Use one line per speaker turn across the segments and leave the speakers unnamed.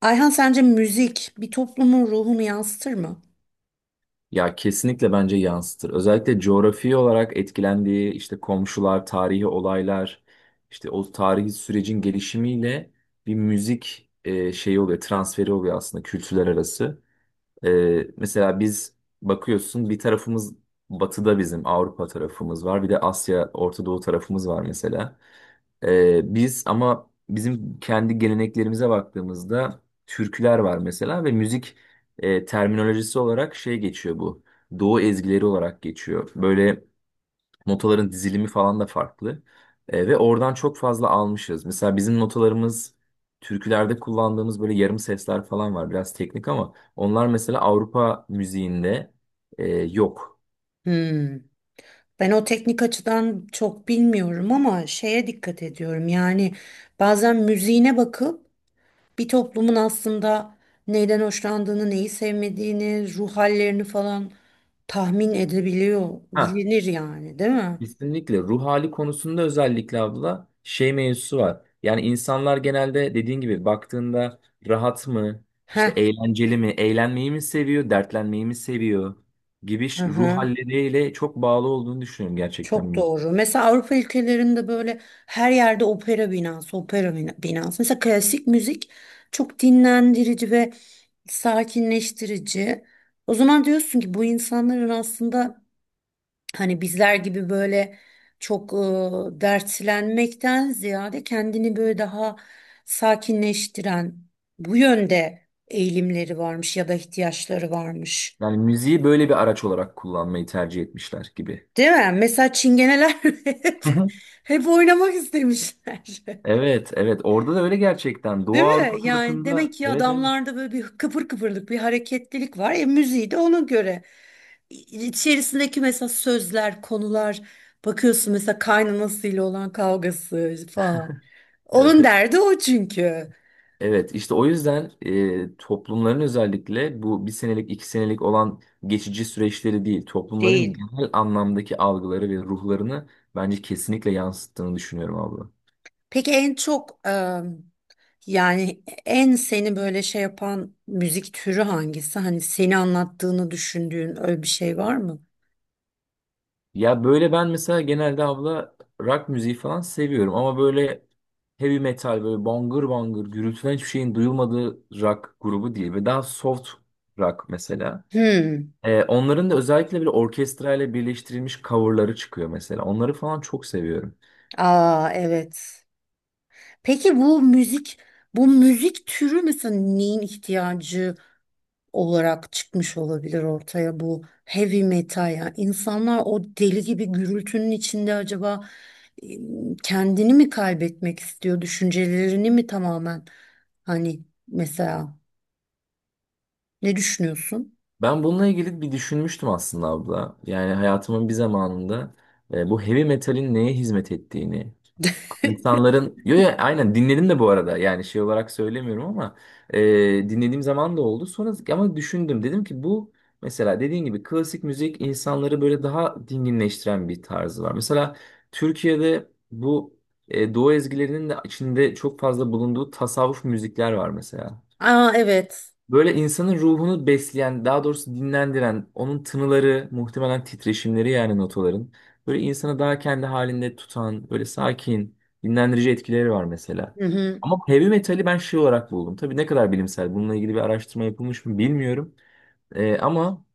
Ayhan sence müzik bir toplumun ruhunu yansıtır mı?
Ya kesinlikle bence yansıtır. Özellikle coğrafi olarak etkilendiği işte komşular, tarihi olaylar, işte o tarihi sürecin gelişimiyle bir müzik şeyi oluyor, transferi oluyor aslında kültürler arası. E, Mesela biz bakıyorsun bir tarafımız batıda bizim Avrupa tarafımız var, bir de Asya, Orta Doğu tarafımız var mesela. Biz ama bizim kendi geleneklerimize baktığımızda türküler var mesela ve müzik terminolojisi olarak şey geçiyor bu. Doğu ezgileri olarak geçiyor. Böyle notaların dizilimi falan da farklı. Ve oradan çok fazla almışız. Mesela bizim notalarımız türkülerde kullandığımız böyle yarım sesler falan var. Biraz teknik ama onlar mesela Avrupa müziğinde yok.
Hmm. Ben o teknik açıdan çok bilmiyorum ama şeye dikkat ediyorum. Yani bazen müziğine bakıp bir toplumun aslında neyden hoşlandığını, neyi sevmediğini, ruh hallerini falan tahmin edebiliyor,
Ha,
bilinir yani, değil mi?
kesinlikle ruh hali konusunda özellikle abla şey mevzusu var. Yani insanlar genelde dediğin gibi baktığında rahat mı, işte
Heh.
eğlenceli mi, eğlenmeyi mi seviyor, dertlenmeyi mi seviyor gibi
Hı
ruh
hı.
halleriyle çok bağlı olduğunu düşünüyorum gerçekten
Çok
müzik.
doğru. Mesela Avrupa ülkelerinde böyle her yerde opera binası, binası. Mesela klasik müzik çok dinlendirici ve sakinleştirici. O zaman diyorsun ki bu insanların aslında hani bizler gibi böyle çok dertlenmekten ziyade kendini böyle daha sakinleştiren bu yönde eğilimleri varmış ya da ihtiyaçları varmış.
Yani müziği böyle bir araç olarak kullanmayı tercih etmişler gibi.
Değil mi? Mesela çingeneler hep, hep oynamak istemişler.
Evet, evet, orada da öyle gerçekten.
Değil
Doğu
mi?
Avrupa
Yani demek
tarafında,
ki
evet, evet.
adamlarda böyle bir kıpır kıpırlık, bir hareketlilik var. E müziği de ona göre. İçerisindeki mesela sözler, konular bakıyorsun mesela kaynanasıyla olan kavgası falan. Onun
Evet.
derdi o çünkü.
Evet, işte o yüzden toplumların özellikle bu bir senelik iki senelik olan geçici süreçleri değil, toplumların
Değil.
genel anlamdaki algıları ve ruhlarını bence kesinlikle yansıttığını düşünüyorum abla.
Peki en çok yani en seni böyle şey yapan müzik türü hangisi? Hani seni anlattığını düşündüğün öyle bir şey var mı?
Ya böyle ben mesela genelde abla rock müziği falan seviyorum ama böyle heavy metal böyle bangır bangır gürültüden hiçbir şeyin duyulmadığı rock grubu değil ve daha soft rock mesela.
Hmm.
Onların da özellikle böyle orkestrayla birleştirilmiş coverları çıkıyor mesela, onları falan çok seviyorum.
Aa, evet. Peki bu müzik türü mesela neyin ihtiyacı olarak çıkmış olabilir ortaya, bu heavy metal, yani insanlar o deli gibi gürültünün içinde acaba e, kendini mi kaybetmek istiyor, düşüncelerini mi tamamen, hani, mesela, ne düşünüyorsun?
Ben bununla ilgili bir düşünmüştüm aslında abla. Yani hayatımın bir zamanında bu heavy metalin neye hizmet ettiğini, insanların... Yo, yo, aynen dinledim de bu arada. Yani şey olarak söylemiyorum ama e, dinlediğim zaman da oldu. Sonra ama düşündüm. Dedim ki bu mesela dediğin gibi klasik müzik insanları böyle daha dinginleştiren bir tarzı var. Mesela Türkiye'de bu Doğu ezgilerinin de içinde çok fazla bulunduğu tasavvuf müzikler var mesela.
Aa, evet.
Böyle insanın ruhunu besleyen, daha doğrusu dinlendiren, onun tınıları, muhtemelen titreşimleri yani notaların. Böyle insanı daha kendi halinde tutan, böyle sakin, dinlendirici etkileri var mesela.
Hı hı.
Ama heavy metali ben şey olarak buldum. Tabii ne kadar bilimsel, bununla ilgili bir araştırma yapılmış mı bilmiyorum. Ama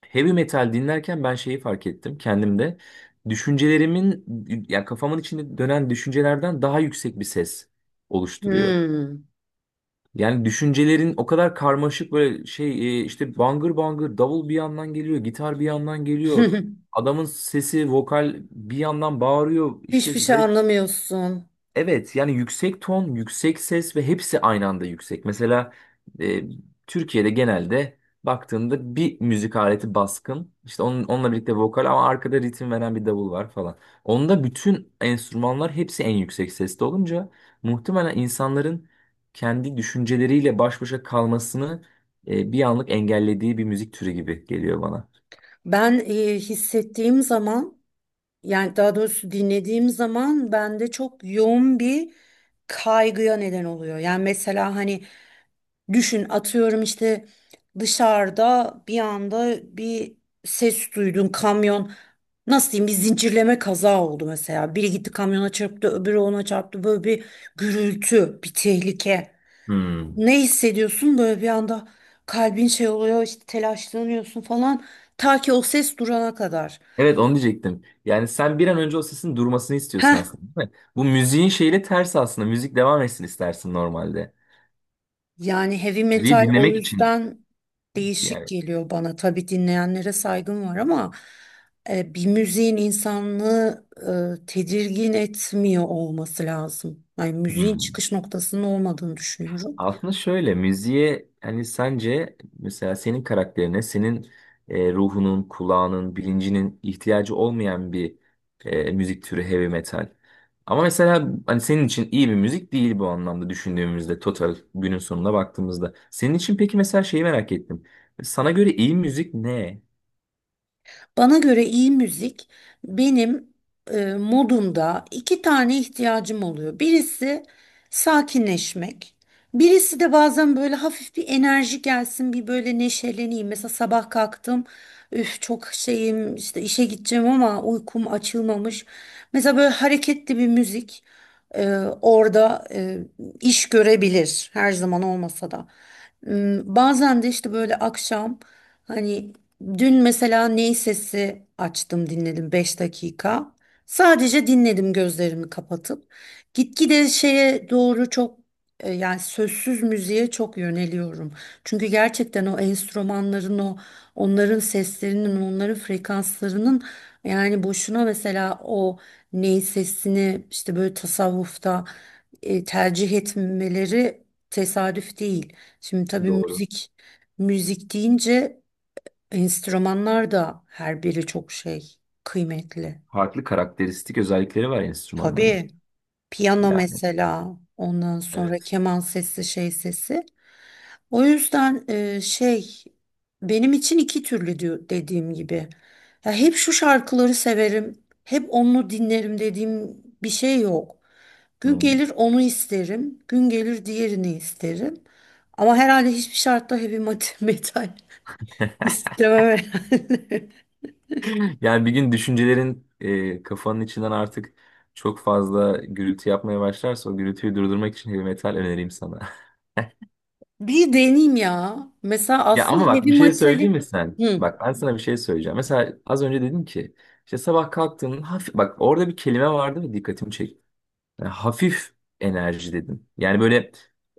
heavy metal dinlerken ben şeyi fark ettim kendimde. Düşüncelerimin, ya kafamın içinde dönen düşüncelerden daha yüksek bir ses oluşturuyor.
Hmm.
Yani düşüncelerin o kadar karmaşık böyle şey işte bangır bangır davul bir yandan geliyor, gitar bir yandan geliyor. Adamın sesi, vokal bir yandan bağırıyor. İşte
Hiçbir şey
garip.
anlamıyorsun.
Evet yani yüksek ton, yüksek ses ve hepsi aynı anda yüksek. Mesela e, Türkiye'de genelde baktığında bir müzik aleti baskın. İşte onun, onunla birlikte vokal ama arkada ritim veren bir davul var falan. Onda bütün enstrümanlar hepsi en yüksek seste olunca muhtemelen insanların kendi düşünceleriyle baş başa kalmasını bir anlık engellediği bir müzik türü gibi geliyor bana.
Ben e, hissettiğim zaman, yani daha doğrusu dinlediğim zaman bende çok yoğun bir kaygıya neden oluyor. Yani mesela hani düşün, atıyorum, işte dışarıda bir anda bir ses duydun, kamyon, nasıl diyeyim, bir zincirleme kaza oldu mesela. Biri gitti kamyona çarptı, öbürü ona çarptı, böyle bir gürültü, bir tehlike.
Hmm.
Ne hissediyorsun böyle bir anda, kalbin şey oluyor işte, telaşlanıyorsun falan, ta ki o ses durana kadar.
Evet onu diyecektim. Yani sen bir an önce o sesin durmasını istiyorsun
Heh.
aslında, değil mi? Bu müziğin şeyiyle ters aslında. Müzik devam etsin istersin normalde.
Yani heavy
Müziği
metal o
dinlemek için
yüzden değişik
yani.
geliyor bana. Tabii dinleyenlere saygım var ama bir müziğin insanlığı tedirgin etmiyor olması lazım. Yani müziğin
Hmm.
çıkış noktasının olmadığını düşünüyorum.
Aslında şöyle müziğe hani sence mesela senin karakterine, senin ruhunun, kulağının, bilincinin ihtiyacı olmayan bir müzik türü heavy metal. Ama mesela hani senin için iyi bir müzik değil bu anlamda düşündüğümüzde total günün sonuna baktığımızda. Senin için peki mesela şeyi merak ettim. Sana göre iyi müzik ne?
Bana göre iyi müzik, benim modumda iki tane ihtiyacım oluyor. Birisi sakinleşmek. Birisi de bazen böyle hafif bir enerji gelsin, bir böyle neşeleneyim. Mesela sabah kalktım, üf çok şeyim işte, işe gideceğim ama uykum açılmamış. Mesela böyle hareketli bir müzik e, orada iş görebilir, her zaman olmasa da. Hmm. Bazen de işte böyle akşam, hani, dün mesela Ney Sesi açtım, dinledim 5 dakika. Sadece dinledim gözlerimi kapatıp. Gitgide şeye doğru çok, yani sözsüz müziğe çok yöneliyorum. Çünkü gerçekten o enstrümanların o, onların seslerinin, onların frekanslarının, yani boşuna mesela o Ney Sesini işte böyle tasavvufta tercih etmeleri tesadüf değil. Şimdi tabii
Doğru.
müzik, müzik deyince enstrümanlar da her biri çok şey, kıymetli.
Farklı karakteristik özellikleri var enstrümanların.
Tabii piyano,
Yani
mesela ondan sonra
evet.
keman sesi, şey sesi. O yüzden şey, benim için iki türlü diyor, dediğim gibi. Ya hep şu şarkıları severim, hep onu dinlerim dediğim bir şey yok. Gün
Hmm.
gelir onu isterim, gün gelir diğerini isterim. Ama herhalde hiçbir şartta heavy metal istemem herhalde.
Yani bir gün düşüncelerin kafanın içinden artık çok fazla gürültü yapmaya başlarsa o gürültüyü durdurmak için heavy metal önereyim sana.
Bir deneyeyim ya. Mesela
Ya
aslında
ama bak
heavy
bir şey söyleyeyim
materi...
mi sen?
Hı.
Bak ben sana bir şey söyleyeceğim. Mesela az önce dedim ki işte sabah kalktığında hafif, bak orada bir kelime vardı ve dikkatimi çekti. Yani hafif enerji dedim. Yani böyle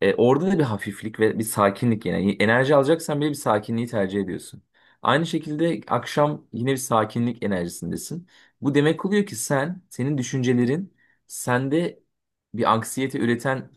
orada da bir hafiflik ve bir sakinlik yani. Enerji alacaksan bile bir sakinliği tercih ediyorsun. Aynı şekilde akşam yine bir sakinlik enerjisindesin. Bu demek oluyor ki sen, senin düşüncelerin sende bir anksiyete üreten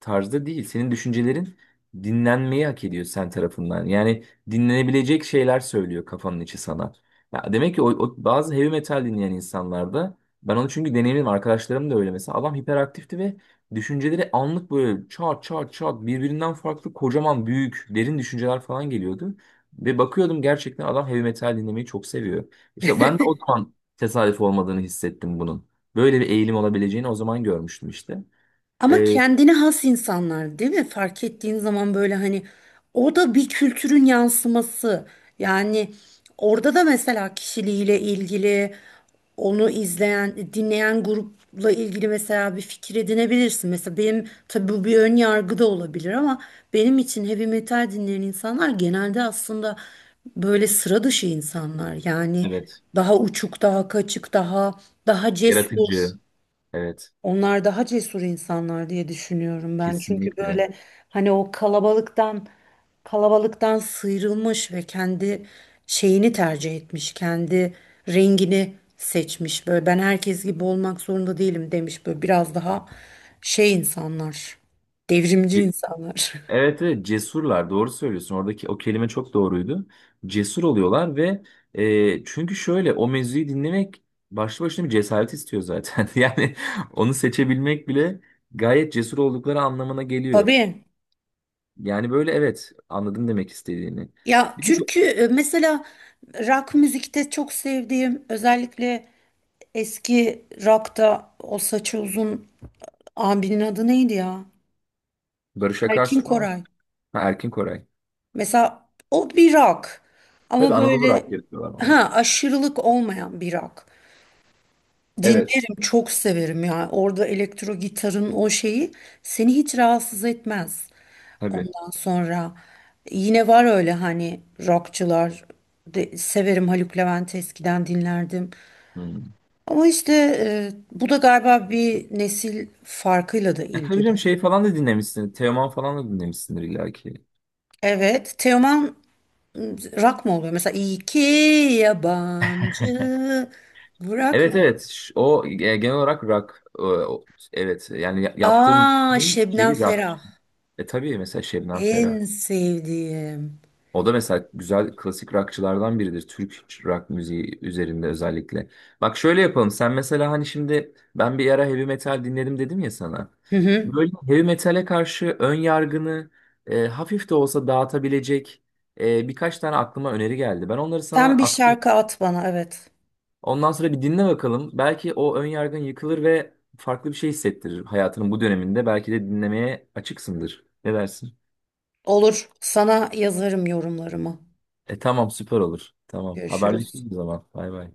tarzda değil. Senin düşüncelerin dinlenmeyi hak ediyor sen tarafından. Yani dinlenebilecek şeyler söylüyor kafanın içi sana. Ya demek ki o bazı heavy metal dinleyen insanlarda ben onu, çünkü deneyimim arkadaşlarım da öyle, mesela adam hiperaktifti ve düşünceleri anlık böyle çat çat çat birbirinden farklı kocaman büyük derin düşünceler falan geliyordu. Ve bakıyordum gerçekten adam heavy metal dinlemeyi çok seviyor. İşte ben de o zaman tesadüf olmadığını hissettim bunun. Böyle bir eğilim olabileceğini o zaman görmüştüm işte.
Ama
Ee,
kendine has insanlar değil mi? Fark ettiğin zaman böyle, hani, o da bir kültürün yansıması. Yani orada da mesela kişiliğiyle ilgili, onu izleyen, dinleyen grupla ilgili mesela bir fikir edinebilirsin. Mesela benim, tabii bu bir ön yargı da olabilir ama, benim için heavy metal dinleyen insanlar genelde aslında böyle sıra dışı insanlar. Yani
Evet.
daha uçuk, daha kaçık, daha cesur.
Yaratıcı. Evet.
Onlar daha cesur insanlar diye düşünüyorum ben. Çünkü
Kesinlikle.
böyle, hani, o kalabalıktan sıyrılmış ve kendi şeyini tercih etmiş, kendi rengini seçmiş. Böyle "ben herkes gibi olmak zorunda değilim" demiş. Böyle biraz daha şey insanlar, devrimci
Ye-
insanlar.
Evet, evet, cesurlar, doğru söylüyorsun. Oradaki o kelime çok doğruydu. Cesur oluyorlar ve çünkü şöyle o mevzuyu dinlemek başlı başına bir cesaret istiyor zaten. Yani onu seçebilmek bile gayet cesur oldukları anlamına geliyor.
Tabii.
Yani böyle evet, anladım demek istediğini.
Ya
Bir de bu-
türkü mesela rock müzikte çok sevdiğim, özellikle eski rock'ta, o saçı uzun abinin adı neydi ya?
Barış
Erkin
Akarsu falan.
Koray.
Ha, Erkin Koray.
Mesela o bir rock.
Tabii
Ama
Anadolu
böyle,
rock yapıyorlar
ha,
onlar.
aşırılık olmayan bir rock.
Evet
Dinlerim, çok severim ya. Orada elektro gitarın o şeyi seni hiç rahatsız etmez.
tabii.
Ondan sonra yine var öyle, hani, rockçılar severim, Haluk Levent eskiden dinlerdim.
Hmm.
Ama işte e, bu da galiba bir nesil farkıyla da
Tabii
ilgili.
canım şey falan da dinlemişsin. Teoman falan da dinlemişsindir illa ki.
Evet, Teoman rock mı oluyor? Mesela iki yabancı bırak
Evet,
mı?
evet. O genel olarak rock. Evet yani yaptığım
Aa,
şeyin
Şebnem
şeyi rock.
Ferah.
E tabii, mesela Şebnem Ferah.
En sevdiğim.
O da mesela güzel klasik rockçılardan biridir. Türk rock müziği üzerinde özellikle. Bak şöyle yapalım. Sen mesela hani şimdi ben bir ara heavy metal dinledim dedim ya sana.
Hı hı.
Böyle heavy metale karşı ön yargını hafif de olsa dağıtabilecek birkaç tane aklıma öneri geldi. Ben onları sana
Sen bir
atayım.
şarkı at bana, evet.
Ondan sonra bir dinle bakalım. Belki o ön yargın yıkılır ve farklı bir şey hissettirir hayatının bu döneminde. Belki de dinlemeye açıksındır. Ne dersin?
Olur. Sana yazarım yorumlarımı.
E tamam, süper olur. Tamam.
Görüşürüz.
Haberleşiriz o zaman. Bay bay.